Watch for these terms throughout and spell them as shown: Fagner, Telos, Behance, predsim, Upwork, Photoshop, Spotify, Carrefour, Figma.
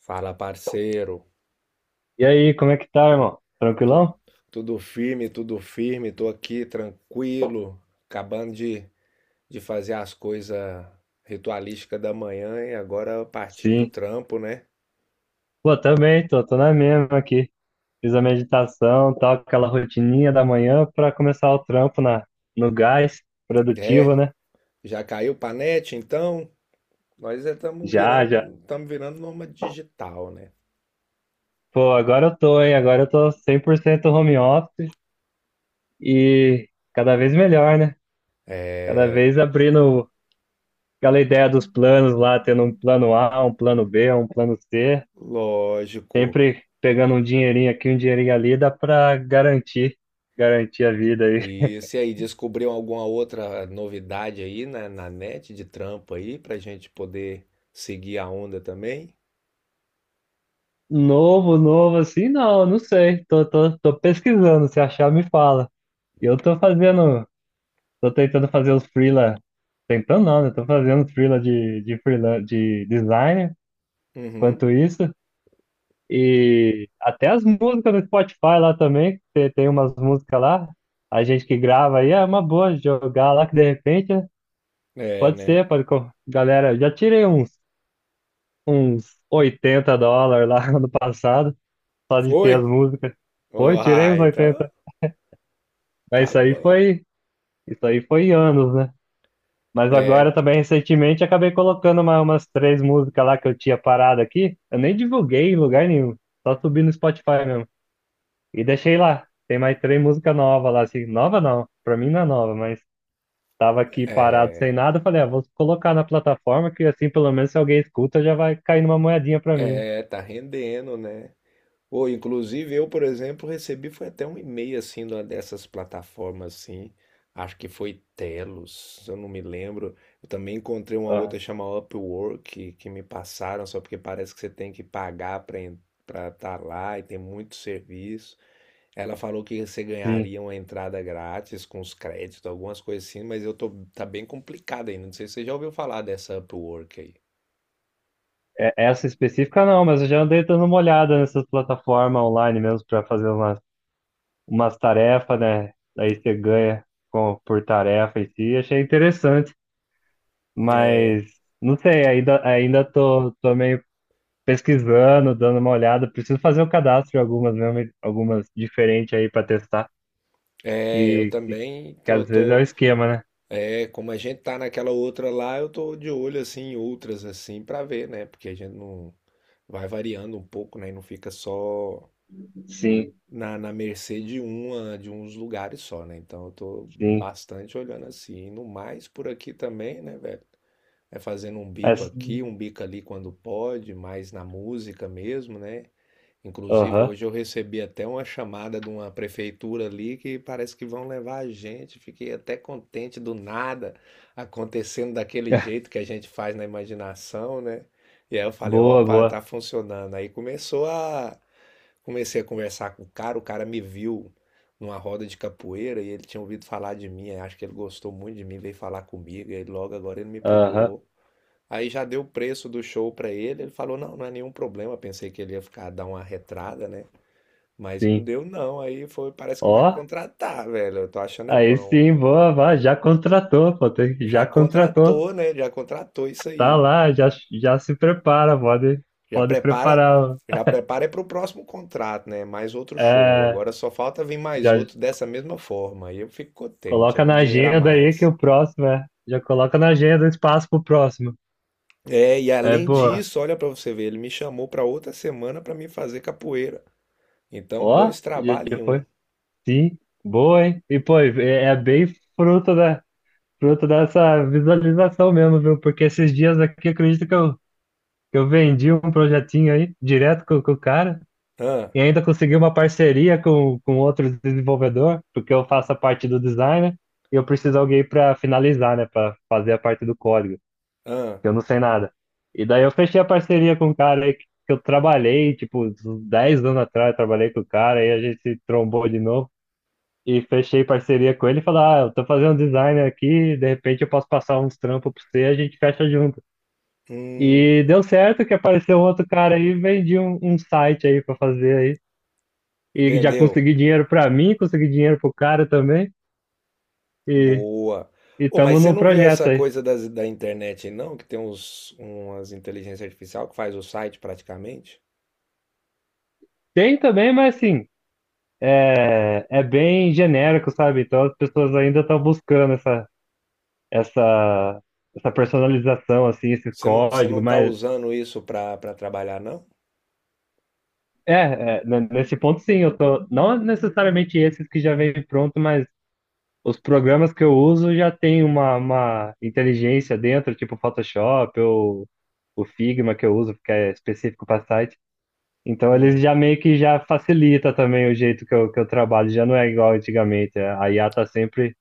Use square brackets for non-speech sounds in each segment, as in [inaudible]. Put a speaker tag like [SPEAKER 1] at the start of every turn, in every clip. [SPEAKER 1] Fala, parceiro.
[SPEAKER 2] E aí, como é que tá, irmão?
[SPEAKER 1] Tu-
[SPEAKER 2] Tranquilão?
[SPEAKER 1] Tudo firme, tudo firme. Tô aqui tranquilo, acabando de fazer as coisas ritualísticas da manhã e agora partir pro
[SPEAKER 2] Sim.
[SPEAKER 1] trampo, né?
[SPEAKER 2] Pô, também, tô na mesma aqui. Fiz a meditação, tal, aquela rotininha da manhã pra começar o trampo no gás,
[SPEAKER 1] É,
[SPEAKER 2] produtivo, né?
[SPEAKER 1] já caiu pra net, então? Nós
[SPEAKER 2] Já, já.
[SPEAKER 1] estamos virando nômade digital, né?
[SPEAKER 2] Pô, agora eu tô, hein? Agora eu tô 100% home office e cada vez melhor, né? Cada vez abrindo aquela ideia dos planos lá, tendo um plano A, um plano B, um plano C,
[SPEAKER 1] Lógico.
[SPEAKER 2] sempre pegando um dinheirinho aqui, um dinheirinho ali, dá pra garantir, garantir a vida aí.
[SPEAKER 1] E se aí descobriu alguma outra novidade aí na net de trampo aí pra gente poder seguir a onda também?
[SPEAKER 2] Novo, novo, assim, não, não sei. Tô pesquisando, se achar, me fala. E eu tô fazendo, tô tentando fazer os freela, tentando não, né? Tô fazendo os freela de freela, de designer,
[SPEAKER 1] Uhum.
[SPEAKER 2] quanto isso. E até as músicas no Spotify lá também, tem umas músicas lá, a gente que grava aí, é uma boa jogar lá, que de repente, né?
[SPEAKER 1] É,
[SPEAKER 2] Pode
[SPEAKER 1] né?
[SPEAKER 2] ser, galera, eu já tirei uns $80 lá [laughs] no passado, só de
[SPEAKER 1] Foi?
[SPEAKER 2] ter as músicas. Foi, tirei uns
[SPEAKER 1] Uai, então
[SPEAKER 2] 80. Mas
[SPEAKER 1] tá bom.
[SPEAKER 2] isso aí foi anos, né? Mas
[SPEAKER 1] É,
[SPEAKER 2] agora também recentemente acabei colocando umas três músicas lá que eu tinha parado aqui. Eu nem divulguei em lugar nenhum, só subi no Spotify mesmo. E deixei lá. Tem mais três músicas novas lá, assim. Nova não, pra mim não é nova, mas tava aqui parado sem
[SPEAKER 1] é,
[SPEAKER 2] nada. Eu falei, ah, vou colocar na plataforma que assim pelo menos se alguém escuta já vai cair numa moedinha pra mim.
[SPEAKER 1] é, tá rendendo, né? Ou, inclusive, eu, por exemplo, recebi foi até um e-mail assim de uma dessas plataformas assim. Acho que foi Telos, eu não me lembro. Eu também encontrei uma
[SPEAKER 2] Ah,
[SPEAKER 1] outra chamada Upwork que me passaram, só porque parece que você tem que pagar para estar lá e tem muito serviço. Ela falou que você
[SPEAKER 2] sim.
[SPEAKER 1] ganharia uma entrada grátis com os créditos, algumas coisas assim, mas eu tô, tá bem complicado ainda. Não sei se você já ouviu falar dessa Upwork aí.
[SPEAKER 2] Essa específica não, mas eu já andei dando uma olhada nessas plataformas online mesmo pra fazer umas tarefas, né? Aí você ganha por tarefa em si. Achei interessante,
[SPEAKER 1] É,
[SPEAKER 2] mas não sei, ainda tô meio pesquisando, dando uma olhada. Preciso fazer um cadastro de algumas mesmo, algumas diferentes aí para testar,
[SPEAKER 1] é, eu
[SPEAKER 2] que, que,
[SPEAKER 1] também
[SPEAKER 2] que às vezes é o esquema, né?
[SPEAKER 1] é, como a gente tá naquela outra lá, eu tô de olho assim em outras assim pra ver, né? Porque a gente não vai variando um pouco, né? E não fica só
[SPEAKER 2] Sim,
[SPEAKER 1] na mercê de uma, de uns lugares só, né? Então eu tô
[SPEAKER 2] sim.
[SPEAKER 1] bastante olhando assim, no mais por aqui também, né, velho? É fazendo um bico
[SPEAKER 2] Essa-
[SPEAKER 1] aqui, um bico ali quando pode, mais na música mesmo, né? Inclusive,
[SPEAKER 2] Aham.
[SPEAKER 1] hoje eu recebi até uma chamada de uma prefeitura ali que parece que vão levar a gente. Fiquei até contente do nada acontecendo daquele
[SPEAKER 2] [laughs]
[SPEAKER 1] jeito que a gente faz na imaginação, né? E aí eu falei,
[SPEAKER 2] Boa,
[SPEAKER 1] opa,
[SPEAKER 2] boa.
[SPEAKER 1] tá funcionando. Aí começou a Comecei a conversar com o cara me viu numa roda de capoeira e ele tinha ouvido falar de mim, aí acho que ele gostou muito de mim, veio falar comigo, e aí logo agora ele me
[SPEAKER 2] Aham,
[SPEAKER 1] procurou. Aí já deu o preço do show pra ele, ele falou: "Não, não é nenhum problema". Pensei que ele ia ficar dar uma retrada, né? Mas não
[SPEAKER 2] sim.
[SPEAKER 1] deu não. Aí foi, parece que vai
[SPEAKER 2] Ó,
[SPEAKER 1] contratar, velho. Eu tô achando é
[SPEAKER 2] aí
[SPEAKER 1] bom.
[SPEAKER 2] sim, boa, vá, já contratou, pô,
[SPEAKER 1] Já
[SPEAKER 2] já contratou.
[SPEAKER 1] contratou, né? Já contratou isso
[SPEAKER 2] Tá
[SPEAKER 1] aí.
[SPEAKER 2] lá, já, já se prepara, pode,
[SPEAKER 1] Já
[SPEAKER 2] pode
[SPEAKER 1] prepara,
[SPEAKER 2] preparar.
[SPEAKER 1] já prepara é pro próximo contrato, né? Mais outro show.
[SPEAKER 2] É,
[SPEAKER 1] Agora só falta vir mais
[SPEAKER 2] já
[SPEAKER 1] outro dessa mesma forma. Aí eu fico contente, é
[SPEAKER 2] coloca
[SPEAKER 1] um
[SPEAKER 2] na
[SPEAKER 1] dinheiro a
[SPEAKER 2] agenda aí que
[SPEAKER 1] mais.
[SPEAKER 2] o próximo é. Já coloca na agenda o espaço pro próximo.
[SPEAKER 1] É, e
[SPEAKER 2] É
[SPEAKER 1] além
[SPEAKER 2] boa.
[SPEAKER 1] disso, olha pra você ver, ele me chamou pra outra semana pra me fazer capoeira. Então,
[SPEAKER 2] Ó,
[SPEAKER 1] dois
[SPEAKER 2] já
[SPEAKER 1] trabalhos
[SPEAKER 2] já
[SPEAKER 1] em
[SPEAKER 2] foi.
[SPEAKER 1] um.
[SPEAKER 2] Sim, boa, hein? E pô, é bem fruto da, fruto dessa visualização mesmo, viu? Porque esses dias aqui, acredito que eu vendi um projetinho aí, direto com o cara.
[SPEAKER 1] Hã?
[SPEAKER 2] E ainda consegui uma parceria com outro desenvolvedor, porque eu faço a parte do design, né, e eu preciso de alguém para finalizar, né, para fazer a parte do código,
[SPEAKER 1] Ah,
[SPEAKER 2] que eu não sei nada. E daí eu fechei a parceria com um cara aí que eu trabalhei, tipo, uns 10 anos atrás, eu trabalhei com o cara, aí a gente se trombou de novo e fechei parceria com ele e falei, ah, eu tô fazendo design aqui, de repente eu posso passar uns trampos pra você, a gente fecha junto.
[SPEAKER 1] hum,
[SPEAKER 2] E deu certo que apareceu um outro cara aí, vendi um site aí pra fazer aí e já
[SPEAKER 1] vendeu.
[SPEAKER 2] consegui dinheiro pra mim, consegui dinheiro pro cara também, e
[SPEAKER 1] Boa. Oh, mas
[SPEAKER 2] estamos
[SPEAKER 1] você
[SPEAKER 2] num
[SPEAKER 1] não viu
[SPEAKER 2] projeto
[SPEAKER 1] essa
[SPEAKER 2] aí.
[SPEAKER 1] coisa da internet, não? Que tem uns, umas inteligência artificial que faz o site praticamente?
[SPEAKER 2] Tem também, mas assim, é bem genérico, sabe? Então as pessoas ainda estão buscando essa, essa personalização, assim, esse
[SPEAKER 1] Você
[SPEAKER 2] código,
[SPEAKER 1] não tá
[SPEAKER 2] mas
[SPEAKER 1] usando isso pra, pra trabalhar, não?
[SPEAKER 2] nesse ponto sim, eu tô, não necessariamente esses que já vem pronto, mas os programas que eu uso já tem uma inteligência dentro, tipo Photoshop ou o Figma que eu uso, que é específico para site. Então eles
[SPEAKER 1] Hum,
[SPEAKER 2] já meio que já facilita também o jeito que eu trabalho, já não é igual antigamente. É. A IA tá sempre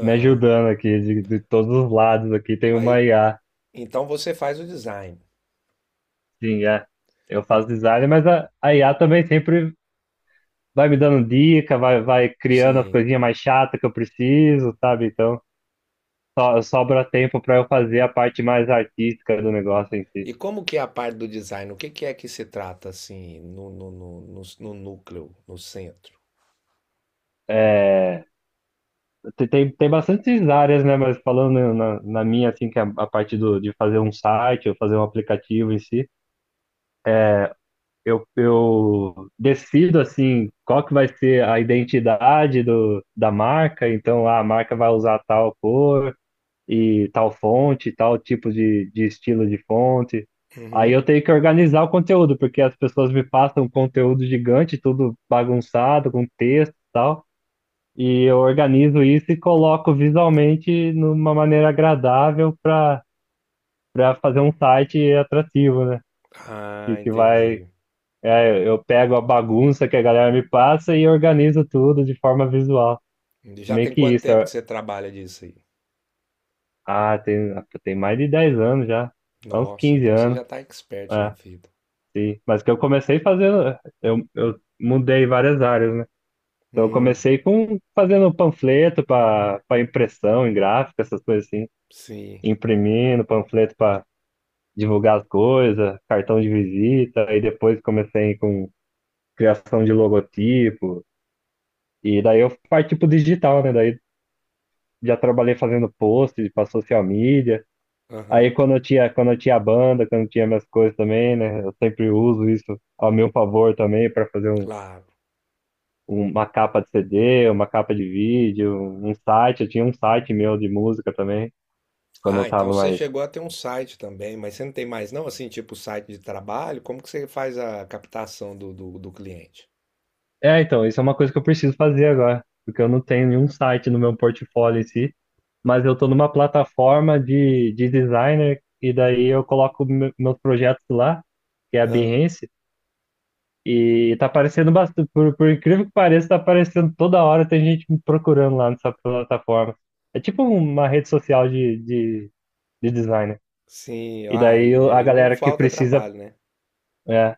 [SPEAKER 2] me ajudando aqui, de todos os lados aqui tem
[SPEAKER 1] Mas
[SPEAKER 2] uma IA.
[SPEAKER 1] então você faz o design.
[SPEAKER 2] Sim, é. Eu
[SPEAKER 1] E-
[SPEAKER 2] faço design, mas a IA também sempre vai me dando dica, vai criando as
[SPEAKER 1] sim.
[SPEAKER 2] coisinhas mais chatas que eu preciso, sabe? Então sobra tempo para eu fazer a parte mais artística do negócio em si.
[SPEAKER 1] E como que é a parte do design? O que que é que se trata assim no núcleo, no centro?
[SPEAKER 2] É, tem bastantes áreas, né? Mas falando na minha, assim, que é a parte de fazer um site ou fazer um aplicativo em si, eu decido, assim, qual que vai ser a identidade da marca. Então, ah, a marca vai usar tal cor e tal fonte, tal tipo de estilo de fonte. Aí eu
[SPEAKER 1] Uhum.
[SPEAKER 2] tenho que organizar o conteúdo, porque as pessoas me passam um conteúdo gigante, tudo bagunçado, com texto e tal. E eu organizo isso e coloco visualmente numa maneira agradável para fazer um site atrativo, né? Que,
[SPEAKER 1] Ah,
[SPEAKER 2] que vai.
[SPEAKER 1] entendi.
[SPEAKER 2] É, eu pego a bagunça que a galera me passa e organizo tudo de forma visual.
[SPEAKER 1] Já
[SPEAKER 2] Meio
[SPEAKER 1] tem
[SPEAKER 2] que
[SPEAKER 1] quanto
[SPEAKER 2] isso.
[SPEAKER 1] tempo que você trabalha disso aí?
[SPEAKER 2] Ah, tem mais de 10 anos já. Há uns
[SPEAKER 1] Nossa,
[SPEAKER 2] 15
[SPEAKER 1] então você
[SPEAKER 2] anos.
[SPEAKER 1] já tá expert na
[SPEAKER 2] É,
[SPEAKER 1] fita.
[SPEAKER 2] sim. Mas que eu comecei fazendo. Eu mudei várias áreas, né? Então eu
[SPEAKER 1] Hum,
[SPEAKER 2] comecei com fazendo panfleto para impressão em gráfica, essas coisas assim.
[SPEAKER 1] sim.
[SPEAKER 2] Imprimindo panfleto divulgar as coisas, cartão de visita, aí depois comecei com criação de logotipo, e daí eu parti pro digital, né? Daí já trabalhei fazendo post pra social media. Aí
[SPEAKER 1] Aham,
[SPEAKER 2] quando eu tinha banda, quando eu tinha minhas coisas também, né? Eu sempre uso isso ao meu favor também para fazer
[SPEAKER 1] claro.
[SPEAKER 2] uma capa de CD, uma capa de vídeo, um site. Eu tinha um site meu de música também, quando eu
[SPEAKER 1] Ah,
[SPEAKER 2] tava
[SPEAKER 1] então você
[SPEAKER 2] mais.
[SPEAKER 1] chegou a ter um site também, mas você não tem mais não, assim, tipo site de trabalho? Como que você faz a captação do cliente?
[SPEAKER 2] É, então, isso é uma coisa que eu preciso fazer agora, porque eu não tenho nenhum site no meu portfólio em si. Mas eu tô numa plataforma de designer e daí eu coloco meus projetos lá, que é a
[SPEAKER 1] Ah,
[SPEAKER 2] Behance, e tá aparecendo bastante, por incrível que pareça, tá aparecendo toda hora, tem gente me procurando lá nessa plataforma. É tipo uma rede social de designer.
[SPEAKER 1] sim.
[SPEAKER 2] E
[SPEAKER 1] Ah,
[SPEAKER 2] daí a
[SPEAKER 1] e não
[SPEAKER 2] galera que
[SPEAKER 1] falta
[SPEAKER 2] precisa,
[SPEAKER 1] trabalho, né?
[SPEAKER 2] é,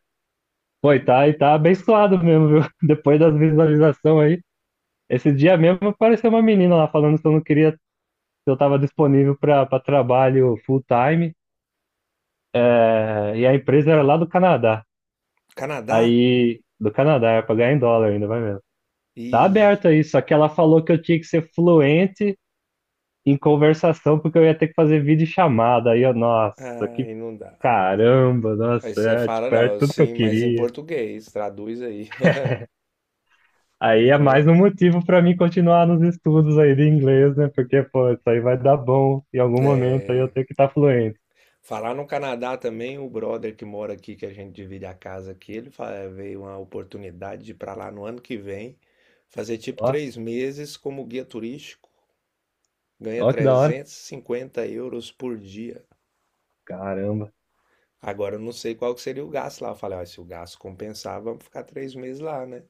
[SPEAKER 2] pô, e tá abençoado mesmo, viu? [laughs] Depois das visualizações aí. Esse dia mesmo apareceu uma menina lá falando que eu não queria, que eu tava disponível para trabalho full time. É, e a empresa era lá do Canadá.
[SPEAKER 1] Canadá?
[SPEAKER 2] Aí, do Canadá, era pra em dólar ainda, vai vendo. Tá
[SPEAKER 1] Ih,
[SPEAKER 2] aberto aí, só que ela falou que eu tinha que ser fluente em conversação, porque eu ia ter que fazer vídeo chamada. Aí eu, nossa, que
[SPEAKER 1] aí não dá.
[SPEAKER 2] caramba,
[SPEAKER 1] Aí
[SPEAKER 2] nossa,
[SPEAKER 1] você
[SPEAKER 2] é,
[SPEAKER 1] fala,
[SPEAKER 2] tipo, era
[SPEAKER 1] não,
[SPEAKER 2] tudo que eu
[SPEAKER 1] sim, mas em
[SPEAKER 2] queria.
[SPEAKER 1] português, traduz aí.
[SPEAKER 2] Aí é mais um
[SPEAKER 1] [laughs]
[SPEAKER 2] motivo pra mim continuar nos estudos aí de inglês, né? Porque, pô, isso aí vai dar bom em algum momento aí eu tenho que estar fluente.
[SPEAKER 1] Falar no Canadá também, o brother que mora aqui, que a gente divide a casa aqui, veio uma oportunidade de ir para lá no ano que vem, fazer tipo
[SPEAKER 2] Ó,
[SPEAKER 1] 3 meses como guia turístico, ganha
[SPEAKER 2] ó que da hora.
[SPEAKER 1] 350 euros por dia.
[SPEAKER 2] Caramba.
[SPEAKER 1] Agora eu não sei qual que seria o gasto lá. Eu falei, ó, se o gasto compensar, vamos ficar 3 meses lá, né?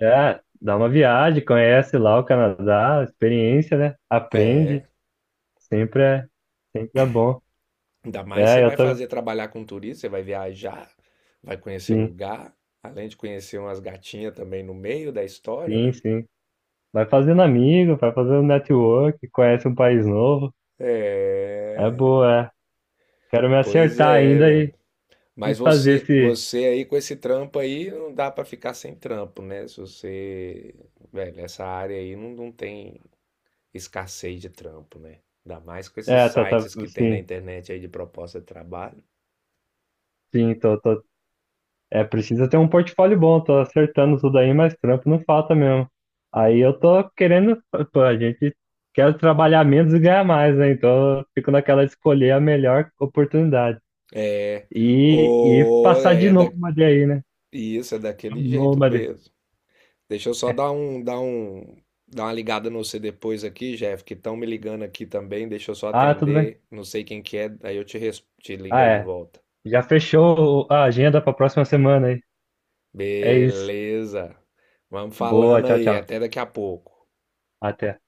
[SPEAKER 2] É, dá uma viagem, conhece lá o Canadá, experiência, né? Aprende,
[SPEAKER 1] É,
[SPEAKER 2] sempre é, sempre é bom.
[SPEAKER 1] ainda mais você
[SPEAKER 2] É, eu
[SPEAKER 1] vai
[SPEAKER 2] tô,
[SPEAKER 1] fazer trabalhar com turista, você vai viajar, vai conhecer
[SPEAKER 2] sim,
[SPEAKER 1] lugar, além de conhecer umas gatinhas também no meio da história, né?
[SPEAKER 2] sim, sim. Vai fazendo amigo, vai fazendo network, conhece um país novo. É
[SPEAKER 1] É,
[SPEAKER 2] boa, é. Quero me
[SPEAKER 1] pois
[SPEAKER 2] acertar
[SPEAKER 1] é,
[SPEAKER 2] ainda
[SPEAKER 1] velho.
[SPEAKER 2] e
[SPEAKER 1] Mas
[SPEAKER 2] fazer esse.
[SPEAKER 1] você aí com esse trampo aí, não dá pra ficar sem trampo, né? Se você, velho, essa área aí não, não tem escassez de trampo, né? Ainda mais com esses
[SPEAKER 2] É, tá, tá,
[SPEAKER 1] sites que tem na
[SPEAKER 2] sim,
[SPEAKER 1] internet aí de proposta de trabalho.
[SPEAKER 2] sim, tô, tô. É, precisa ter um portfólio bom, tô acertando tudo aí, mas trampo não falta mesmo. Aí eu tô querendo, pô, a gente quer trabalhar menos e ganhar mais, né? Então eu fico naquela de escolher a melhor oportunidade.
[SPEAKER 1] É,
[SPEAKER 2] E
[SPEAKER 1] ou
[SPEAKER 2] passar
[SPEAKER 1] é
[SPEAKER 2] de
[SPEAKER 1] é da,
[SPEAKER 2] nômade aí, né?
[SPEAKER 1] isso, é
[SPEAKER 2] É um
[SPEAKER 1] daquele jeito
[SPEAKER 2] nômade.
[SPEAKER 1] mesmo. Deixa eu só dar uma ligada no você depois aqui, Jeff, que estão me ligando aqui também. Deixa eu só
[SPEAKER 2] Ah, tudo bem.
[SPEAKER 1] atender, não sei quem que é, aí eu te, te ligo
[SPEAKER 2] Ah,
[SPEAKER 1] aí de
[SPEAKER 2] é.
[SPEAKER 1] volta.
[SPEAKER 2] Já fechou a agenda pra próxima semana aí. É isso.
[SPEAKER 1] Beleza. Vamos
[SPEAKER 2] Boa,
[SPEAKER 1] falando
[SPEAKER 2] tchau,
[SPEAKER 1] aí.
[SPEAKER 2] tchau.
[SPEAKER 1] Até daqui a pouco.
[SPEAKER 2] Até.